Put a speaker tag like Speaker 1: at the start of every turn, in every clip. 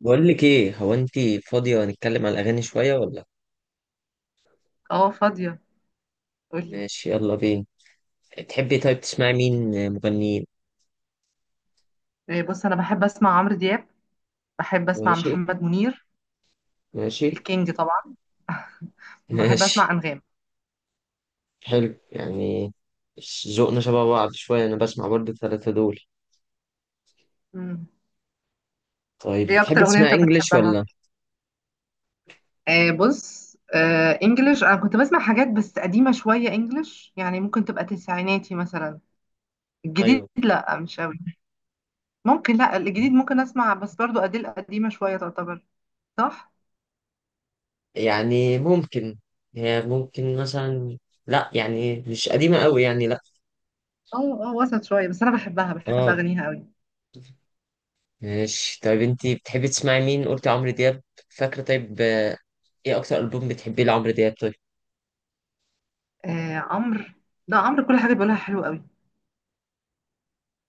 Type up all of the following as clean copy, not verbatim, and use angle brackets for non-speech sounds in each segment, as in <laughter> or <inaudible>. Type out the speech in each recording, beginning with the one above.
Speaker 1: بقول لك ايه؟ هو انت فاضية نتكلم على الاغاني شوية ولا؟
Speaker 2: اه، فاضية. قولي.
Speaker 1: ماشي، يلا بينا. تحبي طيب تسمعي مين مغنيين؟
Speaker 2: إيه، بص انا بحب اسمع عمرو دياب، بحب اسمع
Speaker 1: ماشي.
Speaker 2: محمد منير،
Speaker 1: ماشي.
Speaker 2: الكينج طبعا، بحب اسمع
Speaker 1: ماشي.
Speaker 2: انغام.
Speaker 1: حلو يعني، ذوقنا شبه بعض شوية، انا بسمع برضه الثلاثة دول.
Speaker 2: مم.
Speaker 1: طيب،
Speaker 2: ايه اكتر
Speaker 1: بتحبي
Speaker 2: اغنية
Speaker 1: تسمعي
Speaker 2: انت
Speaker 1: انجليش
Speaker 2: بتحبها؟
Speaker 1: ولا؟
Speaker 2: بص، انجلش انا كنت بسمع حاجات بس قديمة شوية، انجلش يعني ممكن تبقى تسعيناتي مثلا. الجديد
Speaker 1: ايوه،
Speaker 2: لا، مش قوي. ممكن، لا الجديد ممكن اسمع، بس برضو اديل قديمة شوية تعتبر. صح.
Speaker 1: يعني ممكن. هي ممكن مثلا. لا يعني مش قديمة قوي يعني لا.
Speaker 2: اه اه، وسط شوية، بس انا بحبها، بحب
Speaker 1: اه.
Speaker 2: اغانيها قوي.
Speaker 1: ماشي طيب، انت بتحبي تسمعي مين؟ قلتي عمرو دياب، فاكرة؟ طيب، ايه اكتر ألبوم بتحبيه لعمرو دياب؟ طيب،
Speaker 2: عمرو، لا عمرو كل حاجة بيقولها حلوة قوي.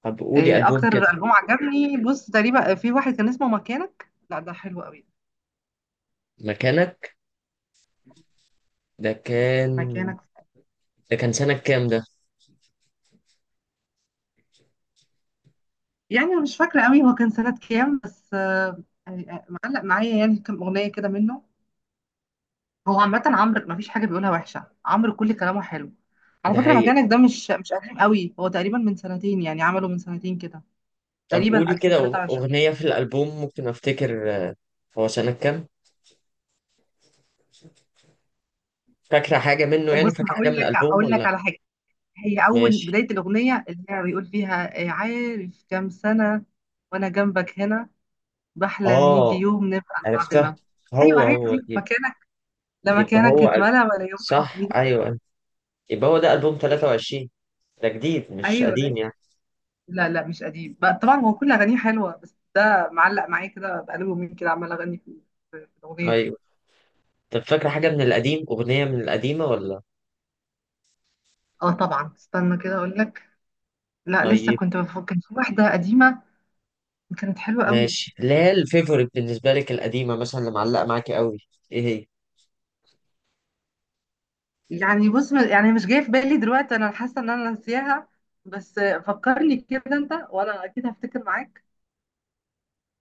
Speaker 1: طب قولي
Speaker 2: إيه
Speaker 1: ألبوم
Speaker 2: اكتر
Speaker 1: كده.
Speaker 2: البوم عجبني، بص تقريبا في واحد كان اسمه مكانك، لا ده حلو قوي.
Speaker 1: مكانك؟ ده كان
Speaker 2: مكانك.
Speaker 1: ده كان سنة كام ده؟
Speaker 2: يعني أنا مش فاكره قوي هو كان سنه كام، بس معلق معايا يعني كم اغنيه كده منه. هو عامه عمرو ما فيش حاجه بيقولها وحشه، عمرو كل كلامه حلو. على
Speaker 1: ده
Speaker 2: فكره
Speaker 1: حقيقي.
Speaker 2: مكانك ده مش قديم قوي، هو تقريبا من سنتين، يعني عمله من سنتين كده.
Speaker 1: طب
Speaker 2: تقريبا
Speaker 1: قولي كده
Speaker 2: 2023.
Speaker 1: أغنية في الألبوم، ممكن أفتكر. هو سنة كام؟ فاكرة حاجة منه؟ يعني
Speaker 2: بص
Speaker 1: فاكرة
Speaker 2: هقول
Speaker 1: حاجة من
Speaker 2: لك
Speaker 1: الألبوم
Speaker 2: هقول لك
Speaker 1: ولا؟
Speaker 2: على حاجه، هي اول
Speaker 1: ماشي.
Speaker 2: بدايه الاغنيه اللي هي بيقول فيها عارف كام سنه وانا جنبك هنا، بحلم يجي
Speaker 1: آه،
Speaker 2: يوم نبقى
Speaker 1: عرفتها.
Speaker 2: لبعضنا. ايوه
Speaker 1: هو هو
Speaker 2: عادي،
Speaker 1: يب-
Speaker 2: مكانك. لا
Speaker 1: يبقى
Speaker 2: مكانك،
Speaker 1: هو
Speaker 2: اتملى، ولا يوم
Speaker 1: صح
Speaker 2: حبيبي.
Speaker 1: أيوه أيوه. يبقى هو ده ألبوم 23، ده جديد مش
Speaker 2: ايوه،
Speaker 1: قديم
Speaker 2: أيوة.
Speaker 1: يعني.
Speaker 2: لا لا مش قديم بقى، طبعا هو كل اغانيه حلوه، بس ده معلق معايا كده بقاله يومين كده عمال اغني في في الاغنيه دي.
Speaker 1: أيوه. طب فاكرة حاجة من القديم؟ أغنية من القديمة ولا؟
Speaker 2: اه طبعا، استنى كده اقول لك. لا لسه
Speaker 1: طيب.
Speaker 2: كنت بفكر في واحده قديمه، كانت حلوه قوي.
Speaker 1: ماشي. لا الفيفوريت بالنسبة لك القديمة مثلا اللي معلقة معاكي قوي، إيه هي؟
Speaker 2: يعني بص، يعني مش جايه في بالي دلوقتي، انا حاسه ان انا ناسياها، بس فكرني كده انت وانا اكيد هفتكر معاك.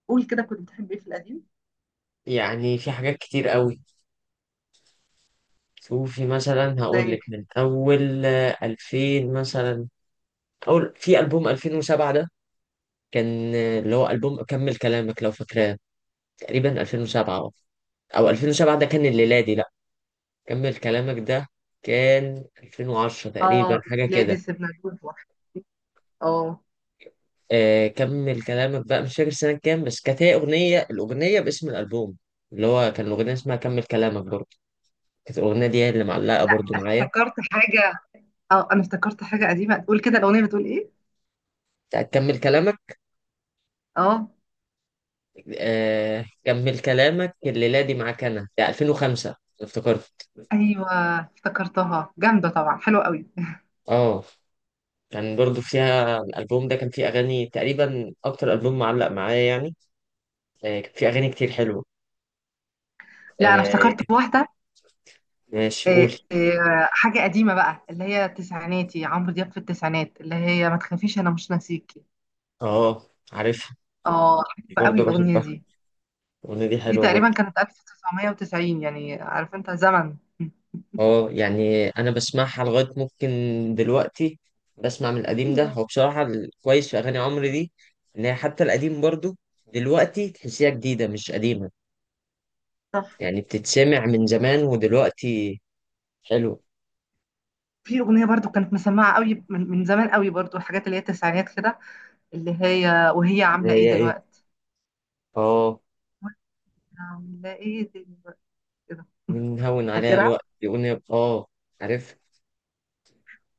Speaker 2: قول كده، كنت بتحب ايه في القديم؟
Speaker 1: يعني في حاجات كتير قوي. شوفي مثلا، هقول لك
Speaker 2: زي
Speaker 1: من اول 2000 مثلا. اول في البوم 2007 ده كان اللي هو البوم كمل كلامك، لو فاكراه. تقريبا 2007، اه. او 2007 ده كان الميلادي لا، كمل كلامك ده كان 2010 تقريبا
Speaker 2: اه
Speaker 1: حاجه كده.
Speaker 2: بلادي، سيبنا جروب واحد. اه،
Speaker 1: آه، كمل كلامك بقى، مش فاكر سنه كام، بس كانت هي الاغنيه باسم الالبوم، اللي هو كان الاغنيه اسمها كمل كلامك برضه. كانت الاغنيه دي هي اللي معلقه
Speaker 2: لا
Speaker 1: برضه معايا.
Speaker 2: افتكرت حاجة. اه انا افتكرت حاجة قديمة، تقول كده الأغنية بتقول ايه.
Speaker 1: بتاعت كمل كلامك.
Speaker 2: اه
Speaker 1: آه، كمل كلامك الليلة دي معاك أنا، ده 2005 افتكرت.
Speaker 2: ايوه، افتكرتها، جامدة طبعا، حلوة قوي.
Speaker 1: اه، كان برضو فيها الألبوم ده كان فيه أغاني تقريبا، أكتر ألبوم معلق معايا يعني. آه، كان فيه أغاني كتير حلوة.
Speaker 2: لا انا
Speaker 1: آه.
Speaker 2: افتكرت
Speaker 1: كانت-
Speaker 2: واحدة.
Speaker 1: ماشي، قول.
Speaker 2: حاجة قديمة بقى اللي هي تسعيناتي، عمرو دياب في التسعينات، اللي هي ما تخافيش انا مش ناسيكي.
Speaker 1: اه، عارفها.
Speaker 2: اه حلوة قوي
Speaker 1: برضو
Speaker 2: الأغنية
Speaker 1: بحبها،
Speaker 2: دي.
Speaker 1: الأغنية دي
Speaker 2: دي
Speaker 1: حلوة برضو.
Speaker 2: تقريبا كانت 1990، يعني عارف انت زمن.
Speaker 1: اه يعني أنا بسمعها لغاية ممكن دلوقتي. بسمع من القديم ده،
Speaker 2: ايوه.
Speaker 1: هو بصراحة الكويس في أغاني عمرو دي إن هي حتى القديم برضو دلوقتي تحسيها جديدة مش قديمة، يعني بتتسمع من زمان ودلوقتي. حلو.
Speaker 2: في أغنية برضو كانت مسمعة قوي من زمان قوي برضو، الحاجات اللي هي التسعينات كده، اللي هي وهي
Speaker 1: اللي
Speaker 2: عاملة ايه
Speaker 1: هي ايه؟
Speaker 2: دلوقتي.
Speaker 1: اه،
Speaker 2: عاملة ايه دلوقتي كده.
Speaker 1: بنهون عليها
Speaker 2: فاكرها.
Speaker 1: الوقت يقول، اه. عارف.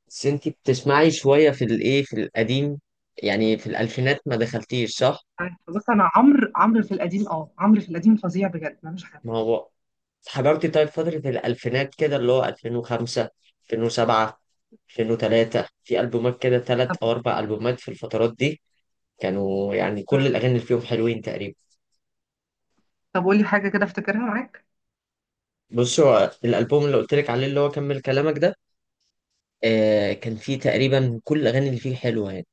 Speaker 1: بس انتي بتسمعي شوية في الايه، في القديم، يعني في الألفينات ما دخلتيش صح؟
Speaker 2: عارفة. بص انا عمرو في القديم، اه عمرو في القديم فظيع بجد، ملوش حل.
Speaker 1: ما هو حضرتي طيب فترة الألفينات كده، اللي هو 2005، 2007، 2003. في ألبومات كده تلات
Speaker 2: طب.
Speaker 1: أو أربع ألبومات في الفترات دي، كانوا يعني كل
Speaker 2: مم.
Speaker 1: الأغاني اللي فيهم حلوين تقريبا.
Speaker 2: طب قولي حاجة كده افتكرها معاك.
Speaker 1: بصوا الألبوم اللي قلت لك عليه اللي هو كمل كلامك ده، كان في تقريبا كل الأغاني اللي فيه حلوة يعني.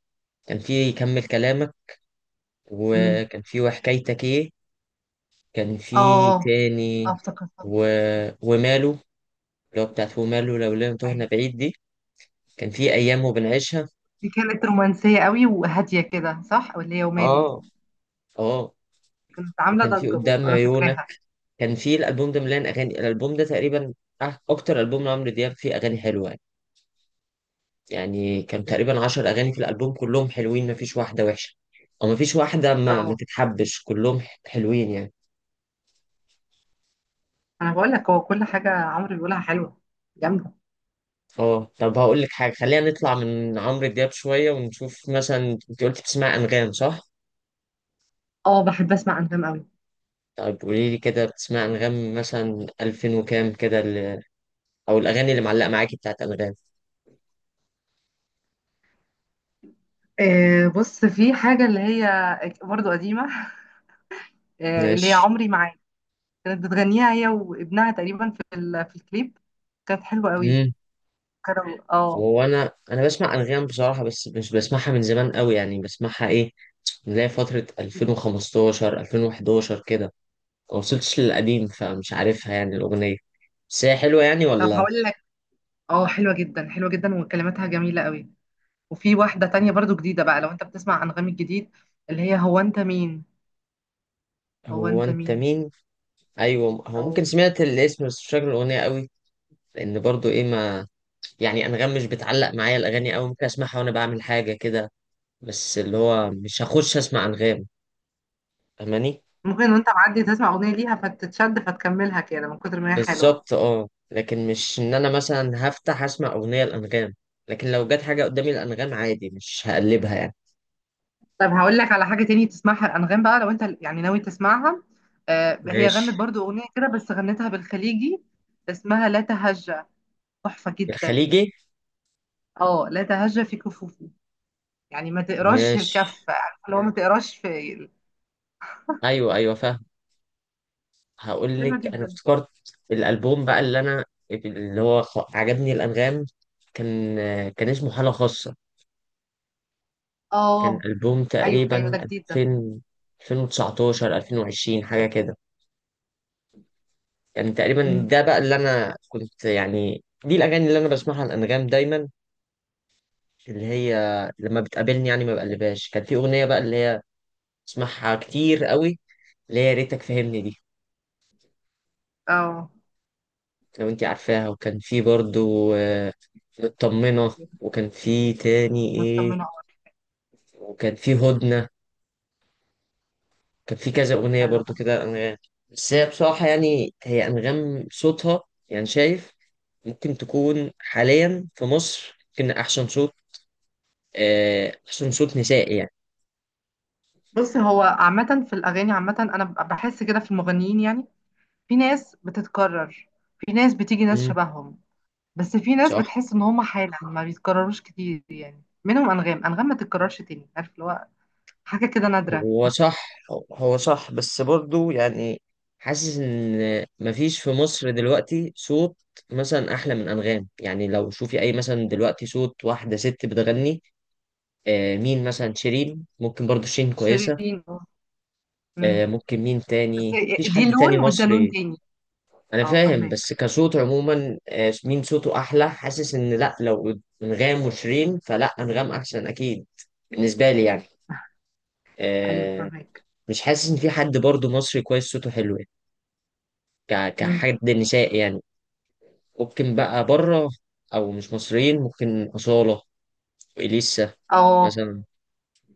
Speaker 1: كان في كمل كلامك،
Speaker 2: مم.
Speaker 1: وكان في وحكايتك إيه، كان في
Speaker 2: اه. اه
Speaker 1: تاني
Speaker 2: افتكرتها.
Speaker 1: و... وماله، اللي هو بتاعت وماله لو لم تهنا
Speaker 2: أيوة.
Speaker 1: بعيد دي. كان في أيام وبنعيشها.
Speaker 2: دي كانت رومانسية قوي وهادية كده، صح، واللي هي وماله
Speaker 1: آه.
Speaker 2: دي
Speaker 1: آه.
Speaker 2: كانت عاملة
Speaker 1: وكان في
Speaker 2: ضجة
Speaker 1: قدام
Speaker 2: برضه، انا
Speaker 1: عيونك.
Speaker 2: فاكراها.
Speaker 1: كان في الألبوم ده مليان أغاني، الألبوم ده تقريبا أكتر ألبوم لعمرو دياب فيه أغاني حلوة يعني. يعني كان تقريبا 10 أغاني في الألبوم كلهم حلوين، مفيش واحدة وحشة أو مفيش واحدة ما
Speaker 2: اه،
Speaker 1: تتحبش، كلهم حلوين يعني.
Speaker 2: انا بقول لك هو كل حاجة عمرو بيقولها حلوة، جامدة.
Speaker 1: اه، طب هقول لك حاجة، خلينا نطلع من عمرو دياب شوية ونشوف مثلا. انت قلت بتسمع أنغام صح؟
Speaker 2: اه بحب اسمع انغام قوي.
Speaker 1: طيب قولي لي كده، بتسمع أنغام مثلا 2000 وكام كده أو الأغاني اللي معلقة معاكي بتاعت أنغام؟
Speaker 2: آه بص، في حاجة اللي هي برضه قديمة <laughs> اللي هي
Speaker 1: ماشي.
Speaker 2: عمري معاك، كانت بتغنيها هي وابنها تقريبا في في الكليب، كانت حلوة قوي.
Speaker 1: امم
Speaker 2: كانوا اه.
Speaker 1: هو أنا بسمع أنغام بصراحة بس مش بسمعها من زمان قوي، يعني بسمعها إيه، نلاقي فترة 2015، 2011 كده. ما وصلتش للقديم فمش عارفها يعني الأغنية، بس هي حلوة يعني
Speaker 2: طب
Speaker 1: ولا؟
Speaker 2: هقول لك، اه حلوة جدا، حلوة جدا وكلماتها جميلة قوي. وفي واحدة تانية برضو جديدة بقى، لو انت بتسمع انغامي الجديد، اللي هي هو انت مين. هو
Speaker 1: هو
Speaker 2: انت
Speaker 1: أنت
Speaker 2: مين.
Speaker 1: مين؟ ايوه، هو
Speaker 2: او،
Speaker 1: ممكن سمعت الاسم بس مش فاكر الاغنيه قوي، لان برضو ايه ما، يعني انغام مش بتعلق معايا الاغاني قوي. ممكن اسمعها وانا بعمل حاجه كده، بس اللي
Speaker 2: أو.
Speaker 1: هو مش هخش اسمع انغام. فاهماني؟
Speaker 2: ممكن وانت معدي تسمع اغنية ليها فتتشد فتكملها كده من كتر ما هي حلوة.
Speaker 1: بالظبط، اه. لكن مش ان انا مثلا هفتح اسمع اغنيه الانغام، لكن لو جت حاجه قدامي الانغام عادي مش هقلبها يعني.
Speaker 2: طب هقول لك على حاجة تاني تسمعها الأنغام بقى، لو أنت يعني ناوي تسمعها. آه هي
Speaker 1: ماشي.
Speaker 2: غنت برضو أغنية كده، بس غنتها بالخليجي، اسمها لا تهجى، تحفة جدا.
Speaker 1: الخليجي.
Speaker 2: اه لا تهجى في كفوفي، يعني ما تقراش
Speaker 1: ماشي،
Speaker 2: الكف، عارفة اللي هو ما تقراش في.
Speaker 1: ايوه، ايوه، فاهم. هقول
Speaker 2: حلوة
Speaker 1: لك انا
Speaker 2: جدا.
Speaker 1: افتكرت الالبوم بقى، اللي انا اللي هو عجبني الانغام، كان كان اسمه حاله خاصه، كان
Speaker 2: اه
Speaker 1: ألبوم
Speaker 2: أيوه أيوه
Speaker 1: تقريبا
Speaker 2: ده جديد ده.
Speaker 1: 2000، 2019، 2020 حاجة كده. يعني تقريبا
Speaker 2: مم.
Speaker 1: ده بقى اللي أنا كنت يعني، دي الأغاني اللي أنا بسمعها على الأنغام دايما، اللي هي لما بتقابلني يعني ما بقلبهاش. كان في أغنية بقى اللي هي بسمعها كتير قوي، اللي هي يا ريتك فهمني دي،
Speaker 2: اه،
Speaker 1: لو أنت عارفاها. وكان في برضو مطمنة، وكان في تاني إيه،
Speaker 2: مطمنة أوي.
Speaker 1: وكان في هدنة. كان في كذا أغنية
Speaker 2: حلو
Speaker 1: برضو
Speaker 2: ده.
Speaker 1: كده أنغام. بس هي بصراحة يعني، هي أنغام صوتها، يعني شايف ممكن تكون حاليا في مصر ممكن أحسن صوت، أحسن صوت نسائي يعني.
Speaker 2: بص هو عامة في الأغاني، عامة أنا بحس كده في المغنيين يعني، في ناس بتتكرر، في ناس بتيجي ناس
Speaker 1: مم،
Speaker 2: شبههم، بس في ناس
Speaker 1: صح.
Speaker 2: بتحس ان هم حالة ما بيتكرروش كتير، يعني منهم انغام، ما تتكررش تاني، عارف اللي هو حاجة كده نادرة.
Speaker 1: هو صح. هو صح بس برضو يعني، حاسس إن مفيش في مصر دلوقتي صوت مثلا أحلى من أنغام يعني. لو شوفي أي مثلا دلوقتي صوت واحدة ست بتغني، مين مثلا؟ شيرين، ممكن برضو شيرين كويسة.
Speaker 2: شيرين اه. أمم.
Speaker 1: ممكن مين
Speaker 2: بس
Speaker 1: تاني، مفيش حد
Speaker 2: دي
Speaker 1: تاني
Speaker 2: لون وده لون
Speaker 1: مصري.
Speaker 2: تاني.
Speaker 1: انا
Speaker 2: اه
Speaker 1: فاهم،
Speaker 2: فاهمك.
Speaker 1: بس كصوت عموما، مين صوته احلى، حاسس ان لا، لو انغام وشيرين فلا، انغام احسن اكيد، بالنسبه لي يعني.
Speaker 2: <laughs> ايوه
Speaker 1: آه،
Speaker 2: فاهمك.
Speaker 1: مش حاسس ان في حد برضو مصري كويس صوته حلو يعني،
Speaker 2: أمم.
Speaker 1: كحد نسائي يعني. ممكن بقى بره، او مش مصريين، ممكن اصاله واليسا
Speaker 2: اه
Speaker 1: مثلا.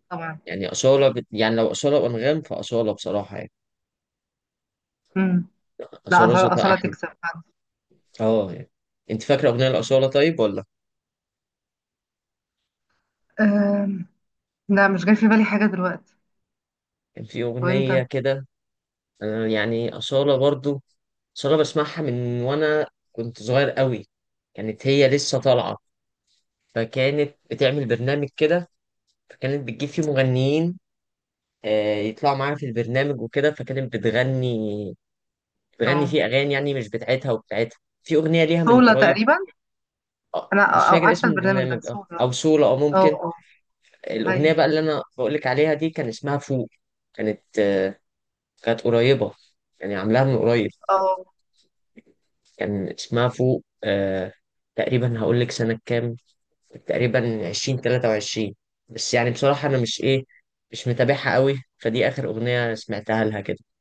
Speaker 2: طبعا.
Speaker 1: يعني اصاله يعني لو اصاله وانغام فاصاله بصراحه يعني،
Speaker 2: أمم. لا
Speaker 1: اصاله
Speaker 2: اصلا،
Speaker 1: صوتها
Speaker 2: اصلا
Speaker 1: احلى.
Speaker 2: تكسب فعلا.
Speaker 1: اه يعني، انت فاكره اغنيه الاصاله طيب ولا؟
Speaker 2: أم، لا مش جاي في بالي حاجة دلوقتي.
Speaker 1: كان في اغنيه
Speaker 2: وانت؟
Speaker 1: كده. أنا يعني اصاله برضو، بس انا بسمعها من وانا كنت صغير قوي، كانت هي لسه طالعه، فكانت بتعمل برنامج كده، فكانت بتجيب فيه مغنيين، يطلعوا معاها في البرنامج وكده، فكانت بتغني
Speaker 2: اه
Speaker 1: فيه اغاني يعني مش بتاعتها وبتاعتها. في اغنيه ليها من
Speaker 2: سولا
Speaker 1: قريب،
Speaker 2: تقريبا.
Speaker 1: اه.
Speaker 2: انا
Speaker 1: مش فاكر اسم
Speaker 2: عارفة البرنامج
Speaker 1: البرنامج،
Speaker 2: ده،
Speaker 1: اه،
Speaker 2: سولا.
Speaker 1: او سولا اه،
Speaker 2: اه
Speaker 1: ممكن.
Speaker 2: اه.
Speaker 1: الاغنيه
Speaker 2: ايوه.
Speaker 1: بقى اللي انا بقول لك عليها دي كان اسمها فوق، كانت كانت قريبه، يعني عاملاها من قريب.
Speaker 2: اه.
Speaker 1: كان اسمها فوق. تقريبا هقول لك سنه كام، تقريبا 20 23. بس يعني بصراحة أنا مش إيه، مش متابعها قوي، فدي آخر أغنية سمعتها لها كده.